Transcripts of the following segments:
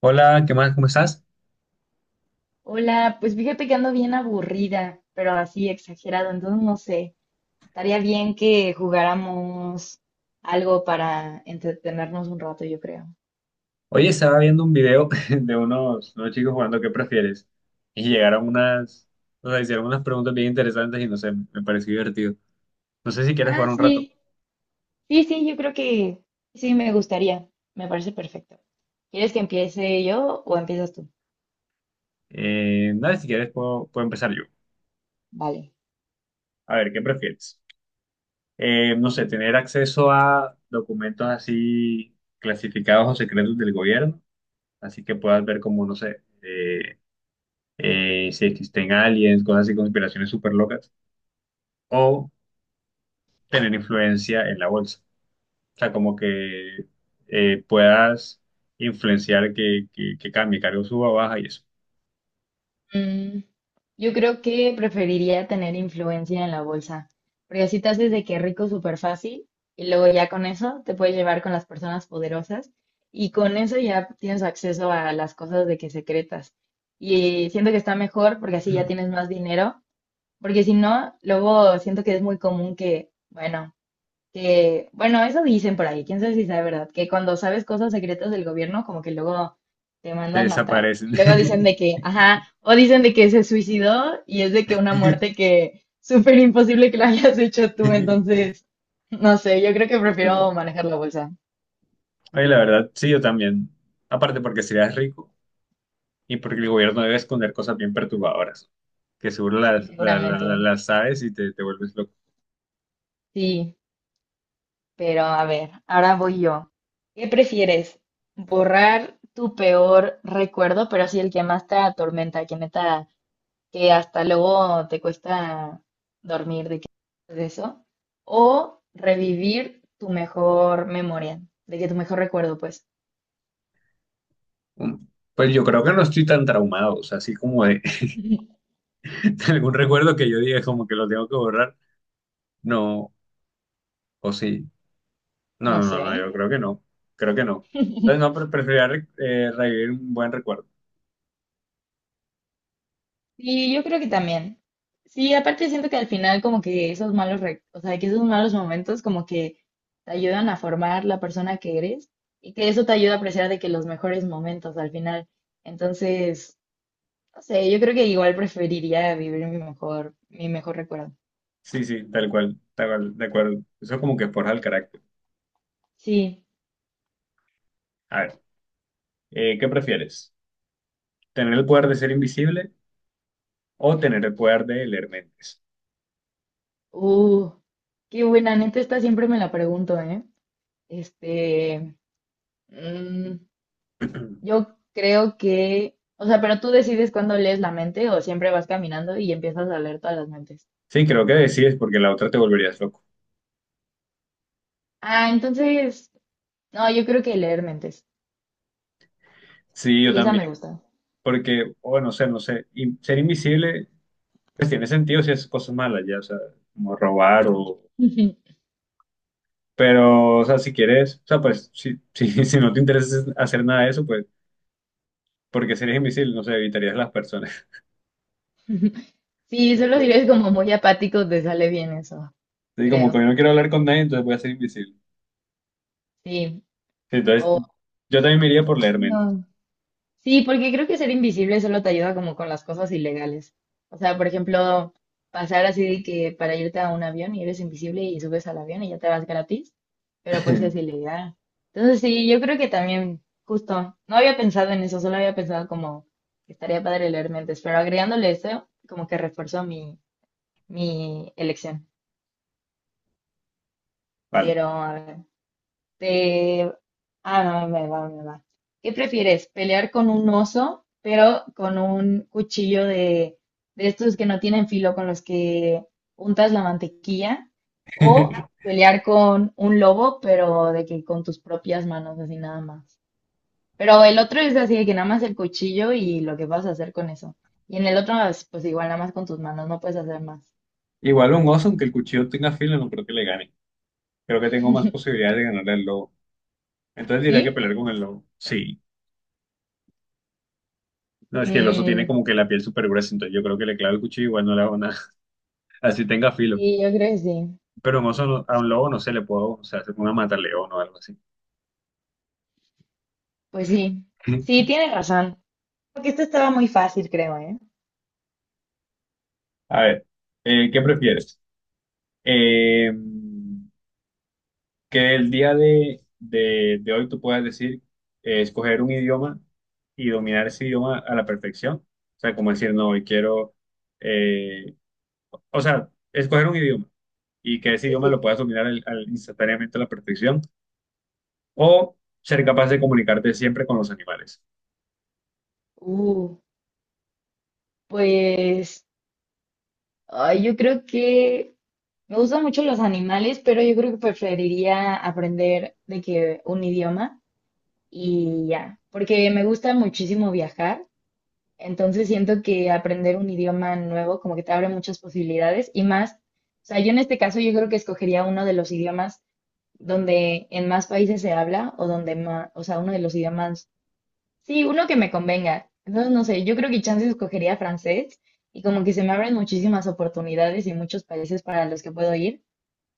Hola, ¿qué más? ¿Cómo estás? Hola, pues fíjate que ando bien aburrida, pero así exagerado, entonces no sé, estaría bien que jugáramos algo para entretenernos un rato, yo creo. Oye, estaba viendo un video de unos chicos jugando ¿Qué prefieres? Y llegaron unas. Hicieron unas preguntas bien interesantes y no sé, me pareció divertido. No sé si quieres Ah, jugar un rato. sí, sí, sí, yo creo que sí, me gustaría, me parece perfecto. ¿Quieres que empiece yo o empiezas tú? Nada, si quieres puedo empezar yo. Vale. A ver, ¿qué prefieres? No sé, tener acceso a documentos así clasificados o secretos del gobierno, así que puedas ver como, no sé, si existen aliens, cosas así, conspiraciones súper locas, o tener influencia en la bolsa. O sea, como que puedas influenciar que cambie, cargo suba o baja y eso. Mm, yo creo que preferiría tener influencia en la bolsa, porque así te haces de que rico súper fácil y luego ya con eso te puedes llevar con las personas poderosas y con eso ya tienes acceso a las cosas de que secretas. Y siento que está mejor porque así ya tienes más dinero, porque si no, luego siento que es muy común que, bueno. Que, bueno, eso dicen por ahí, quién sabe si sea verdad, que cuando sabes cosas secretas del gobierno, como que luego te Te mandan matar. desaparecen. Y luego dicen de que, ajá, o dicen de que se suicidó y es de que una muerte que súper imposible que la hayas hecho tú, entonces, no sé, yo creo que Pero, prefiero manejar la bolsa. oye, la verdad, sí, yo también. Aparte porque serías rico y porque el gobierno debe esconder cosas bien perturbadoras, que seguro Sí, las, la- la- seguramente. la- las sabes y te vuelves loco. Sí, pero a ver, ahora voy yo. ¿Qué prefieres? ¿Borrar tu peor recuerdo, pero así el que más te atormenta, que neta que hasta luego te cuesta dormir de que de eso, o revivir tu mejor memoria, de que tu mejor recuerdo, pues, Mm. Pues yo creo que no estoy tan traumado, o sea, así como de, de algún recuerdo que yo diga como que lo tengo que borrar, no, o sí. No, no no, sé. no, no, yo creo que no. Creo que no. Entonces, no, pero preferiría revivir un buen recuerdo. Sí, yo creo que también. Sí, aparte siento que al final como que esos malos, o sea, que esos malos momentos como que te ayudan a formar la persona que eres y que eso te ayuda a apreciar de que los mejores momentos al final. Entonces, no sé, yo creo que igual preferiría vivir mi mejor recuerdo. Sí, sí, tal cual, de acuerdo. Eso es como que forja el carácter. Sí. A ver, ¿qué prefieres? ¿Tener el poder de ser invisible o tener el poder de leer mentes? Uh, qué buena, neta, esta siempre me la pregunto, ¿eh? Este, mm, yo creo que, o sea, pero tú decides cuándo lees la mente o siempre vas caminando y empiezas a leer todas las mentes. Sí, creo que decides porque la otra te volverías loco. Ah, entonces, no, yo creo que leer mentes. Sí, yo Sí, esa también. me gusta. Porque, bueno, no sé, no sé. Y ser invisible, pues tiene sentido si haces cosas malas, ya, o sea, como robar o. Pero, o sea, si quieres, o sea, pues, si, si no te interesa hacer nada de eso, pues porque si eres invisible, no sé, evitarías las personas. Sí, solo si Entonces, eres como muy apático, te sale bien eso, sí, como que creo. hoy no quiero hablar con nadie, entonces voy a ser invisible. Sí. Entonces, O, yo también me iría por leer mentes. sí, porque creo que ser invisible solo te ayuda como con las cosas ilegales. O sea, por ejemplo, pasar así de que para irte a un avión y eres invisible y subes al avión y ya te vas gratis, pero pues es ilegal. Entonces sí, yo creo que también, justo, no había pensado en eso, solo había pensado como que estaría padre leer mentes, pero agregándole eso, como que reforzó mi, mi elección. Vale. Pero a ver. De... Ah, no, me va, me va. ¿Qué prefieres? ¿Pelear con un oso, pero con un cuchillo de estos que no tienen filo con los que untas la mantequilla? ¿O pelear con un lobo, pero de que con tus propias manos, así nada más? Pero el otro es así de que nada más el cuchillo y lo que vas a hacer con eso. Y en el otro, pues igual nada más con tus manos, no puedes hacer más. Igual un oso, aunque el cuchillo tenga filo, no creo que le gane. Creo que tengo más posibilidades de ganarle al lobo. Entonces diría que ¿Sí? pelear con el lobo. Sí. No, es que el oso tiene Mm, como que la piel súper gruesa, entonces yo creo que le clavo el cuchillo igual no le hago nada. Así tenga filo. sí, yo creo que sí. Pero un oso no- a un Sí. lobo no se le puedo, o sea, se pone a matar león o algo así. Pues sí, sí, tienes razón. Porque esto estaba muy fácil, creo, ¿eh? A ver, ¿qué prefieres? Eh, que el día de hoy tú puedas decir, escoger un idioma y dominar ese idioma a la perfección. O sea, como decir, no, hoy quiero, eh, o sea, escoger un idioma y que ese Sí, idioma lo sí. puedas dominar instantáneamente a la perfección o ser capaz de comunicarte siempre con los animales. Uh, pues ay, yo creo que me gustan mucho los animales, pero yo creo que preferiría aprender de que un idioma y ya, porque me gusta muchísimo viajar, entonces siento que aprender un idioma nuevo como que te abre muchas posibilidades y más, o sea, yo en este caso yo creo que escogería uno de los idiomas donde en más países se habla o donde más, o sea, uno de los idiomas. Sí, uno que me convenga. Entonces, no sé, yo creo que chance escogería francés y como que se me abren muchísimas oportunidades y muchos países para los que puedo ir.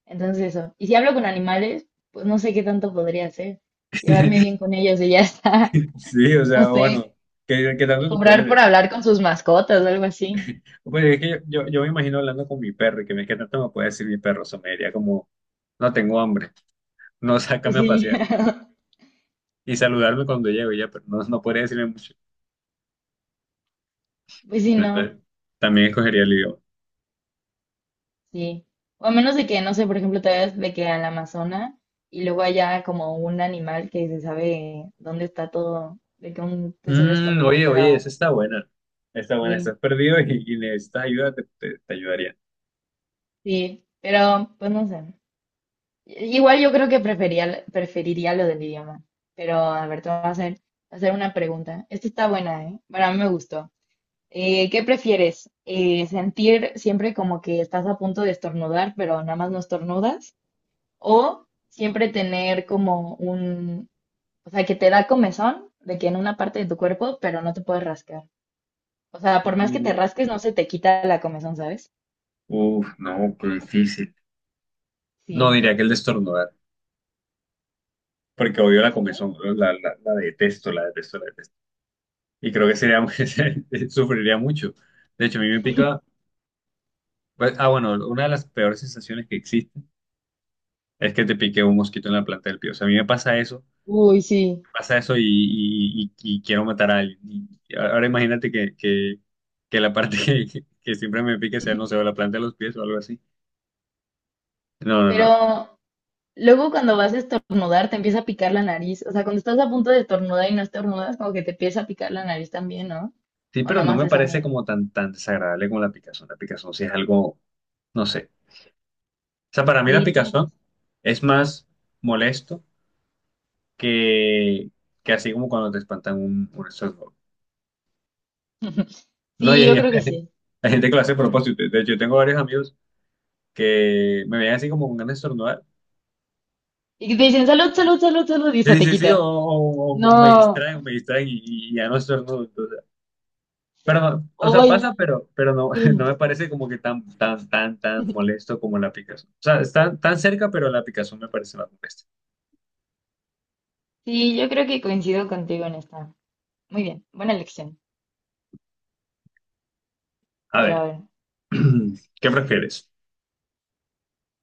Entonces, eso. Y si hablo con animales, pues no sé qué tanto podría hacer. Llevarme bien con ellos y ya está. Sí, o No sea, sé, bueno, ¿qué, qué tanto te pueden cobrar por decir? hablar con sus mascotas o algo así. Pues es que yo me imagino hablando con mi perro y que me, ¿qué tanto me puede decir mi perro? O sea, me diría como, no tengo hambre, no, Pues sácame a sí, pasear. Y saludarme cuando llego y ya, pero no, no podría decirle mucho. pues sí, Bueno, no, entonces, también escogería el idioma. sí. O a menos de que, no sé, por ejemplo, te vayas de que al Amazonas y luego haya como un animal que se sabe dónde está todo, de que un tesoro Mm, escondido, oye, pero... esa está buena. Está buena, estás Sí, perdido y necesitas ayuda, te ayudaría. sí, pero pues no sé. Igual yo creo que preferiría lo del idioma. Pero a ver, te voy a hacer una pregunta. Esta está buena, ¿eh? Bueno, a mí me gustó. ¿Qué prefieres? ¿Sentir siempre como que estás a punto de estornudar, pero nada más no estornudas? ¿O siempre tener como un, o sea, que te da comezón de que en una parte de tu cuerpo, pero no te puedes rascar? O sea, Uh, por más que te rasques, no se te quita la comezón, ¿sabes? uf, no, qué difícil. No, Sí. diría que el de estornudar, porque odio la comezón, ¿Sí? ¿no? La detesto, la detesto, la detesto. Y creo que sería, muy- sufriría mucho. De hecho, a mí me pica, pues, ah, bueno, una de las peores sensaciones que existen es que te pique un mosquito en la planta del pie. O sea, a mí me Uy, sí. pasa eso y, y quiero matar a alguien. Y ahora imagínate que la parte que siempre me pique sea, no sé, o la planta de los pies o algo así. No, no, Pero no. luego cuando vas a estornudar te empieza a picar la nariz. O sea, cuando estás a punto de estornudar y no estornudas, como que te empieza a picar la nariz también, ¿no? Sí, O pero nada no más me es a parece mí. como tan, tan desagradable como la picazón. La picazón sí es algo, no sé. O sea, para mí la Sí, tienes picazón razón. es más molesto que, que así como cuando te espantan un estornudo. No, y Sí, hay, yo creo que sí. hay gente que lo hace a propósito. De hecho, yo tengo varios amigos que me ven así como con ganas de estornudar. Y que te dicen salud, salud, salud, salud y se Sí, te sí, sí, quita. O No. Me distraen y ya no estornudo. Entonces, pero no, o sea, pasa, Oye. Pero no, no me parece como que tan, tan, tan, tan molesto como la picazón. O sea, están tan cerca, pero la picazón me parece más molesta. Sí, yo creo que coincido contigo en esta. Muy bien, buena elección. A Pero a ver, ver. ¿qué prefieres?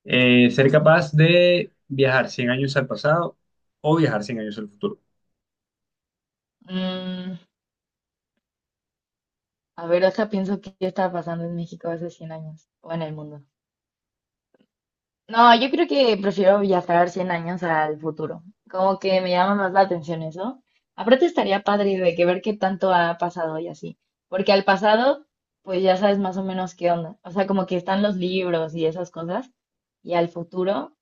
¿Ser Ujú. capaz de viajar 100 años al pasado o viajar 100 años al futuro? Mm, a ver, deja, pienso qué estaba pasando en México hace 100 años o en el mundo. No, yo creo que prefiero viajar 100 años al futuro. Como que me llama más la atención eso. Aparte estaría padre de que ver qué tanto ha pasado y así. Porque al pasado, pues ya sabes más o menos qué onda. O sea, como que están los libros y esas cosas. Y al futuro,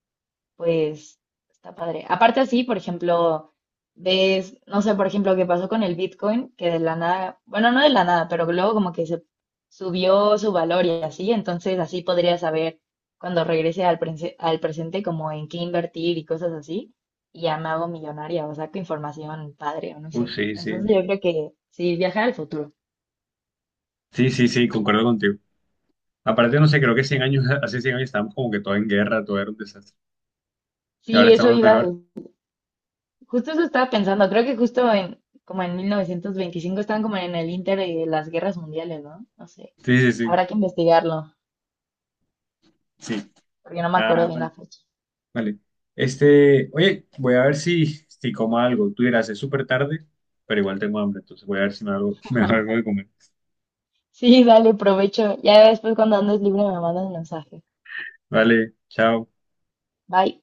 pues está padre. Aparte así, por ejemplo, ves, no sé, por ejemplo, qué pasó con el Bitcoin, que de la nada, bueno, no de la nada, pero luego como que se subió su valor y así, entonces así podría saber cuando regrese al, al presente como en qué invertir y cosas así, y ya me hago millonaria o saco información padre o no Uy, sé. sí, sí. Entonces yo creo que sí, viajar al futuro. Sí, sí, sí, concuerdo contigo. Aparte, no sé, creo que 100 años, hace 100 años estábamos como que todo en guerra, todo era un desastre. Ahora Sí, eso estamos iba a... mejor. Justo eso estaba pensando, creo que justo en, como en 1925 estaban como en el inter de las guerras mundiales, ¿no? No sé, Sí, sí, sí. habrá que investigarlo, Sí. porque no me acuerdo Ah, bien la bueno. fecha. Vale. Este, oye, voy a ver si como algo. Tú dirás, es súper tarde, pero igual tengo hambre, entonces voy a ver si me hago, me hago algo de comer. Sí, dale, provecho. Ya después cuando andes libre me mandas un mensaje. Vale, chao. Bye.